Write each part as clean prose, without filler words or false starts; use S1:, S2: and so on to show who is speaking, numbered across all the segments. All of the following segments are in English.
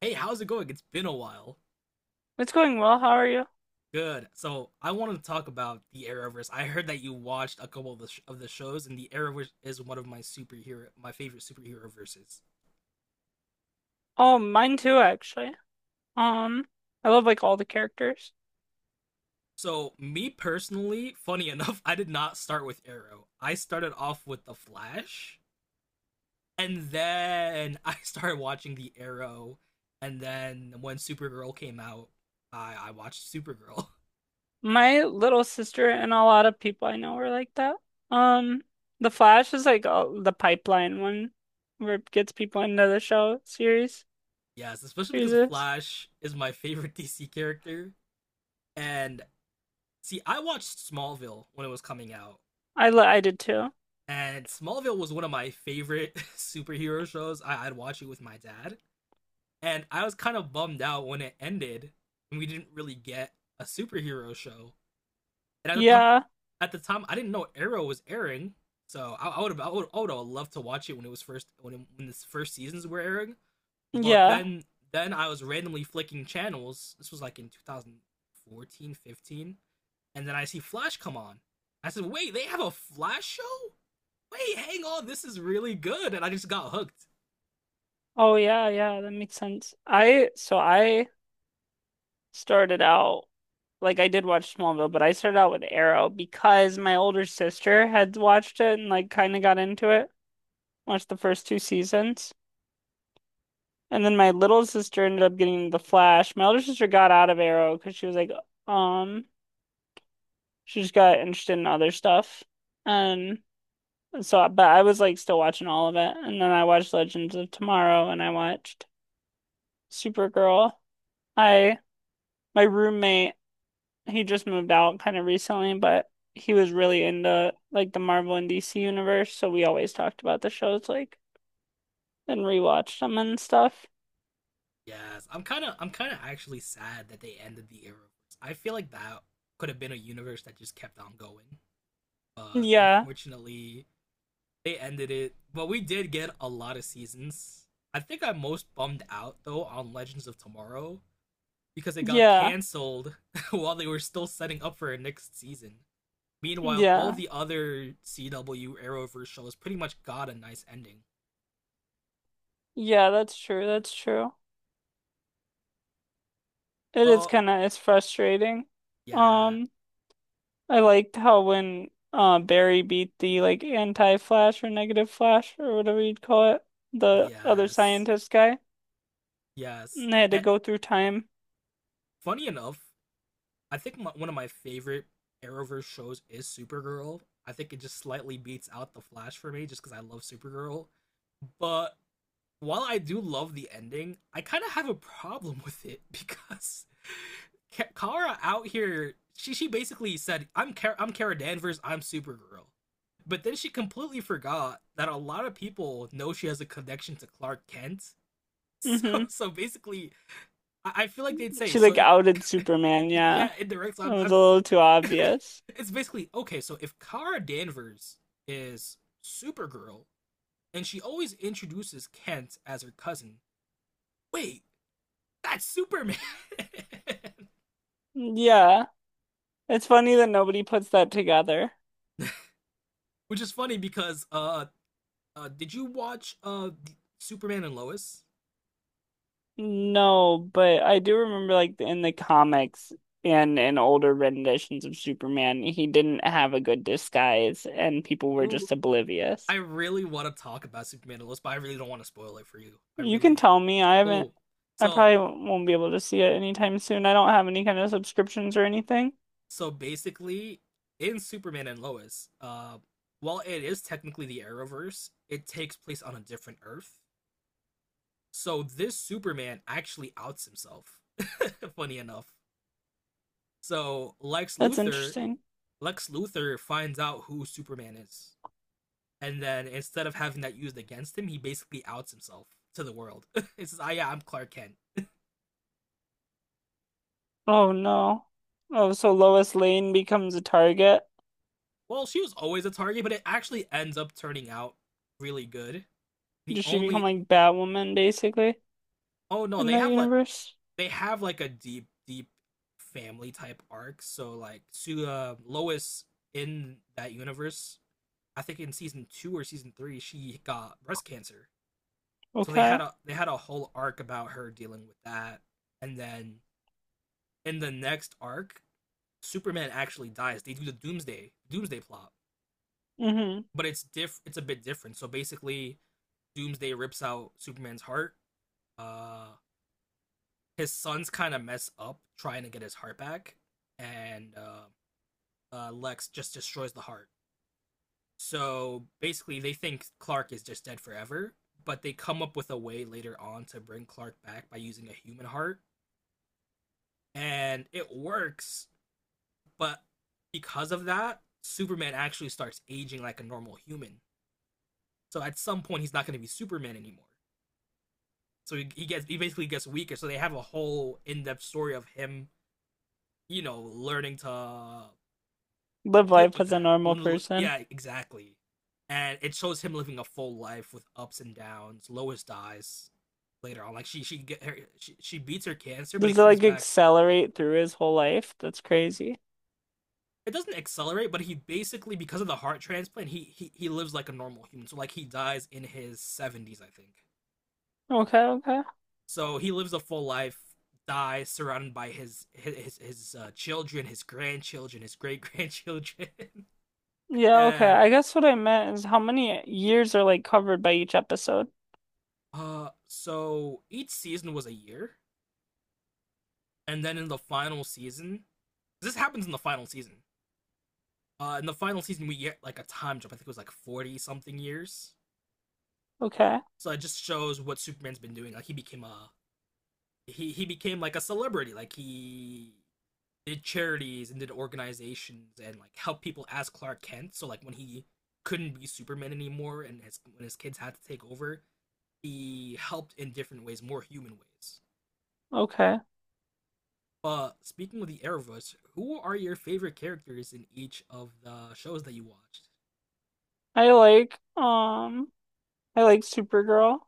S1: Hey, how's it going? It's been a while.
S2: It's going well. How are you?
S1: Good. So I wanted to talk about the Arrowverse. I heard that you watched a couple of the shows, and the Arrowverse is one of my my favorite superhero verses.
S2: Oh, mine too, actually. Um, I love like all the characters.
S1: So me personally, funny enough, I did not start with Arrow. I started off with the Flash, and then I started watching the Arrow, and then when Supergirl came out, I watched Supergirl.
S2: My little sister and a lot of people I know are like that. Um, The Flash is like the pipeline one where it gets people into the show series.
S1: Yes, especially
S2: Series.
S1: because
S2: Is.
S1: Flash is my favorite DC character, and see, I watched Smallville when it was coming out,
S2: I did too.
S1: and Smallville was one of my favorite superhero shows. I'd watch it with my dad, and I was kind of bummed out when it ended, and we didn't really get a superhero show. And
S2: Yeah.
S1: at the time, I didn't know Arrow was airing, so I would have loved to watch it when it was first when it, when the first seasons were airing. But
S2: Yeah.
S1: then I was randomly flicking channels. This was like in 2014, 15, and then I see Flash come on. I said, "Wait, they have a Flash show? Wait, hang on, this is really good." And I just got hooked.
S2: Oh yeah, yeah, that makes sense. I so I started out like I did watch Smallville, but I started out with Arrow because my older sister had watched it and like kind of got into it. Watched the first two seasons. And then my little sister ended up getting The Flash. My older sister got out of Arrow because she was like, um, she just got interested in other stuff. And so, but I was like still watching all of it. And then I watched Legends of Tomorrow and I watched Supergirl. I, my roommate, he just moved out kind of recently, but he was really into like the Marvel and DC universe. So we always talked about the shows like and rewatched them and stuff.
S1: Yes, I'm kind of actually sad that they ended the Arrowverse. I feel like that could have been a universe that just kept on going, but
S2: Yeah.
S1: unfortunately, they ended it. But we did get a lot of seasons. I think I'm most bummed out though on Legends of Tomorrow because it got
S2: Yeah.
S1: canceled while they were still setting up for a next season. Meanwhile, all
S2: Yeah.
S1: the other CW Arrowverse shows pretty much got a nice ending.
S2: Yeah, that's true. That's true. It is
S1: Oh,
S2: it's frustrating.
S1: yeah,
S2: Um, I liked how when Barry beat the like anti-Flash or negative Flash or whatever you'd call it, the other
S1: yes,
S2: scientist guy,
S1: yes.
S2: and they had to
S1: And
S2: go through time.
S1: funny enough, I think one of my favorite Arrowverse shows is Supergirl. I think it just slightly beats out The Flash for me just because I love Supergirl. But while I do love the ending, I kind of have a problem with it because Kara out here, she basically said, "I'm Kara, I'm Kara Danvers, I'm Supergirl," but then she completely forgot that a lot of people know she has a connection to Clark Kent. So
S2: Hmm.
S1: so basically, I feel like they'd say
S2: She
S1: so.
S2: like
S1: If
S2: outed Superman. Yeah,
S1: Yeah, indirects.
S2: it was a
S1: I'm
S2: little too obvious.
S1: it's basically okay. So if Kara Danvers is Supergirl, and she always introduces Kent as her cousin. Wait, that's Superman.
S2: Yeah, it's funny that nobody puts that together.
S1: Which is funny because did you watch Superman and Lois?
S2: No, but I do remember like in the comics and in older renditions of Superman, he didn't have a good disguise and people were
S1: Ooh,
S2: just
S1: I
S2: oblivious.
S1: really want to talk about Superman and Lois, but I really don't want to spoil it for you. I
S2: You can
S1: really.
S2: tell me, I haven't,
S1: Ooh,
S2: I
S1: so
S2: probably won't be able to see it anytime soon. I don't have any kind of subscriptions or anything.
S1: so basically, in Superman and Lois, while it is technically the Arrowverse, it takes place on a different Earth. So this Superman actually outs himself. Funny enough. So
S2: That's interesting.
S1: Lex Luthor finds out who Superman is, and then instead of having that used against him, he basically outs himself to the world. He says, "Ah, yeah, I'm Clark Kent."
S2: Oh no. Oh, so Lois Lane becomes a target.
S1: Well, she was always a target, but it actually ends up turning out really good. The
S2: Does she become
S1: only
S2: like Batwoman basically
S1: oh no,
S2: in that universe?
S1: they have like a deep, deep family type arc. So like to Lois in that universe, I think in season two or season three, she got breast cancer. So
S2: Okay.
S1: they had a whole arc about her dealing with that, and then in the next arc, Superman actually dies. They do the Doomsday plot,
S2: Mm-hmm.
S1: but it's a bit different. So basically, Doomsday rips out Superman's heart. Uh, his sons kind of mess up trying to get his heart back, and Lex just destroys the heart. So basically, they think Clark is just dead forever, but they come up with a way later on to bring Clark back by using a human heart, and it works. But because of that, Superman actually starts aging like a normal human. So at some point, he's not going to be Superman anymore. So he basically gets weaker. So they have a whole in depth story of him, you know, learning to
S2: Live
S1: deal
S2: life
S1: with
S2: as a
S1: that.
S2: normal person.
S1: Yeah, exactly. And it shows him living a full life with ups and downs. Lois dies later on. Like she beats her cancer, but
S2: Does
S1: it
S2: it
S1: comes
S2: like
S1: back.
S2: accelerate through his whole life? That's crazy.
S1: It doesn't accelerate, but he basically because of the heart transplant, he lives like a normal human. So like he dies in his seventies, I think.
S2: Okay, okay.
S1: So he lives a full life, dies surrounded by his, children, his grandchildren, his great grandchildren,
S2: Yeah, okay.
S1: and
S2: I guess what I meant is how many years are like covered by each episode.
S1: so each season was a year, and then in the final season, this happens in the final season. In the final season, we get like a time jump. I think it was like 40 something years.
S2: Okay.
S1: So it just shows what Superman's been doing. Like he became like a celebrity. Like he did charities and did organizations and like helped people as Clark Kent. So like when he couldn't be Superman anymore and his when his kids had to take over, he helped in different ways, more human ways.
S2: Okay.
S1: But speaking of the Arrowverse, who are your favorite characters in each of the shows that you watched?
S2: I like um I like Supergirl.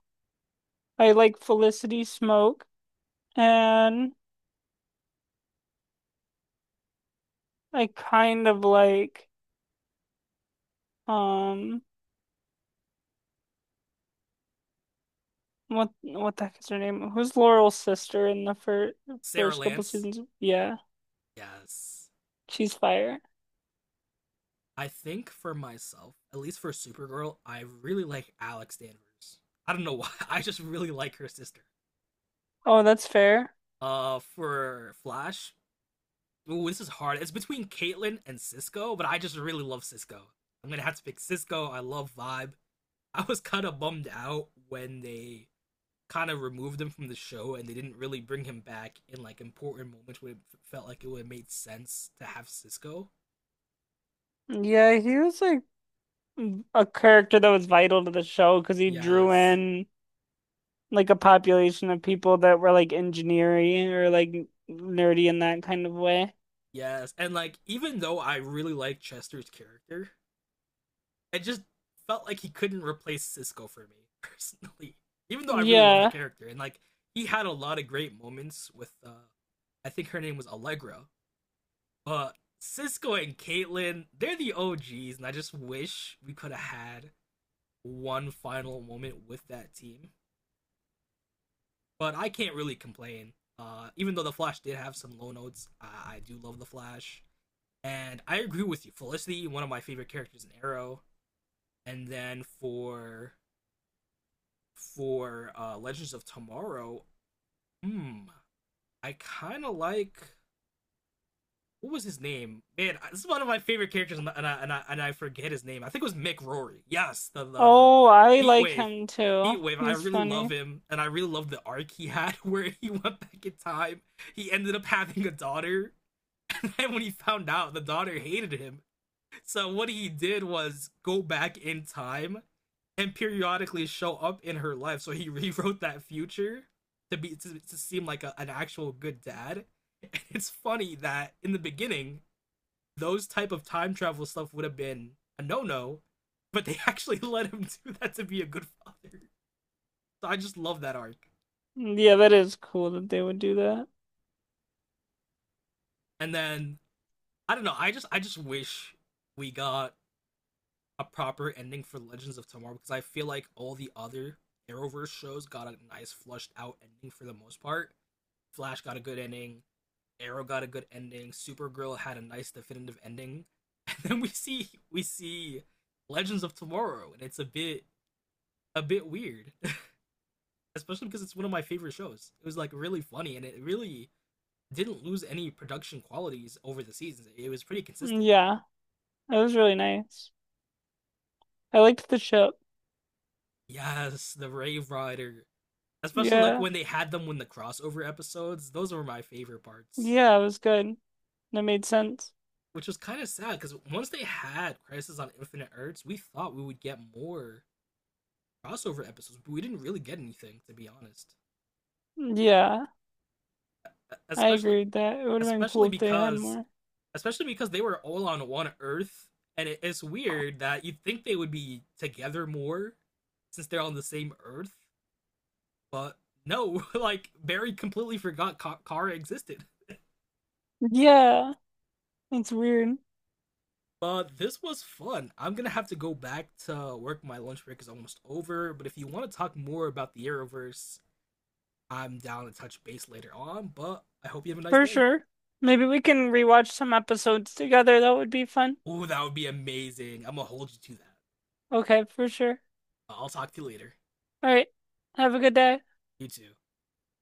S2: I like Felicity Smoke and I kind of like um what the heck is her name? Who's Laurel's sister in the
S1: Sarah
S2: first couple
S1: Lance,
S2: seasons? Yeah,
S1: yes.
S2: she's fire.
S1: I think for myself, at least for Supergirl, I really like Alex Danvers. I don't know why. I just really like her sister.
S2: Oh, that's fair.
S1: For Flash, ooh, this is hard. It's between Caitlyn and Cisco, but I just really love Cisco. I'm gonna have to pick Cisco. I love Vibe. I was kind of bummed out when they kind of removed him from the show and they didn't really bring him back in like important moments where it felt like it would have made sense to have Cisco.
S2: Yeah, he was like a character that was vital to the show because he drew
S1: Yes,
S2: in like a population of people that were like engineering or like nerdy in that kind of way.
S1: yes, and like even though I really like Chester's character, I just felt like he couldn't replace Cisco for me personally, even though I really love the
S2: Yeah.
S1: character and like he had a lot of great moments with. I think her name was Allegra, but Cisco and Caitlyn, they're the OGs, and I just wish we could have had one final moment with that team. But I can't really complain. Even though the Flash did have some low notes, I do love the Flash, and I agree with you. Felicity, one of my favorite characters in Arrow, and then for Legends of Tomorrow, hmm, I kind of like what was his name? Man, this is one of my favorite characters, forget his name. I think it was Mick Rory. Yes, the
S2: Oh, I
S1: Heat
S2: like
S1: Wave.
S2: him
S1: Heat
S2: too.
S1: Wave, I
S2: He's
S1: really love
S2: funny.
S1: him, and I really love the arc he had where he went back in time. He ended up having a daughter, and when he found out, the daughter hated him. So what he did was go back in time and periodically show up in her life. So he rewrote that future to to seem like an actual good dad. And it's funny that in the beginning, those type of time travel stuff would have been a no no, but they actually let him do that to be a good father. So I just love that arc.
S2: Yeah, that is cool that they would do that.
S1: And then I don't know. I just wish we got a proper ending for Legends of Tomorrow because I feel like all the other Arrowverse shows got a nice flushed out ending for the most part. Flash got a good ending. Arrow got a good ending. Supergirl had a nice definitive ending, and then we see Legends of Tomorrow, and it's a bit weird, especially because it's one of my favorite shows. It was like really funny, and it really didn't lose any production qualities over the seasons. It was pretty consistent.
S2: Yeah, it was really nice. I liked the ship.
S1: Yes, the Rave Rider, especially like
S2: Yeah.
S1: when the crossover episodes. Those were my favorite parts,
S2: Yeah, it was good. That made sense.
S1: which was kind of sad because once they had Crisis on Infinite Earths, we thought we would get more crossover episodes, but we didn't really get anything to be honest.
S2: Yeah,
S1: E,
S2: I
S1: Especially,
S2: agree with that. It would have been
S1: especially
S2: cool if they had more.
S1: especially because they were all on one Earth, and it's weird that you'd think they would be together more since they're on the same Earth, but no, like Barry completely forgot Kara existed.
S2: Yeah, it's weird.
S1: But this was fun. I'm gonna have to go back to work. My lunch break is almost over. But if you want to talk more about the Arrowverse, I'm down to touch base later on. But I hope you have a nice
S2: For
S1: day.
S2: sure. Maybe we can rewatch some episodes together. That would be fun.
S1: Ooh, that would be amazing. I'm gonna hold you to that.
S2: Okay, for sure.
S1: I'll talk to you later.
S2: All right. Have a good day.
S1: You too.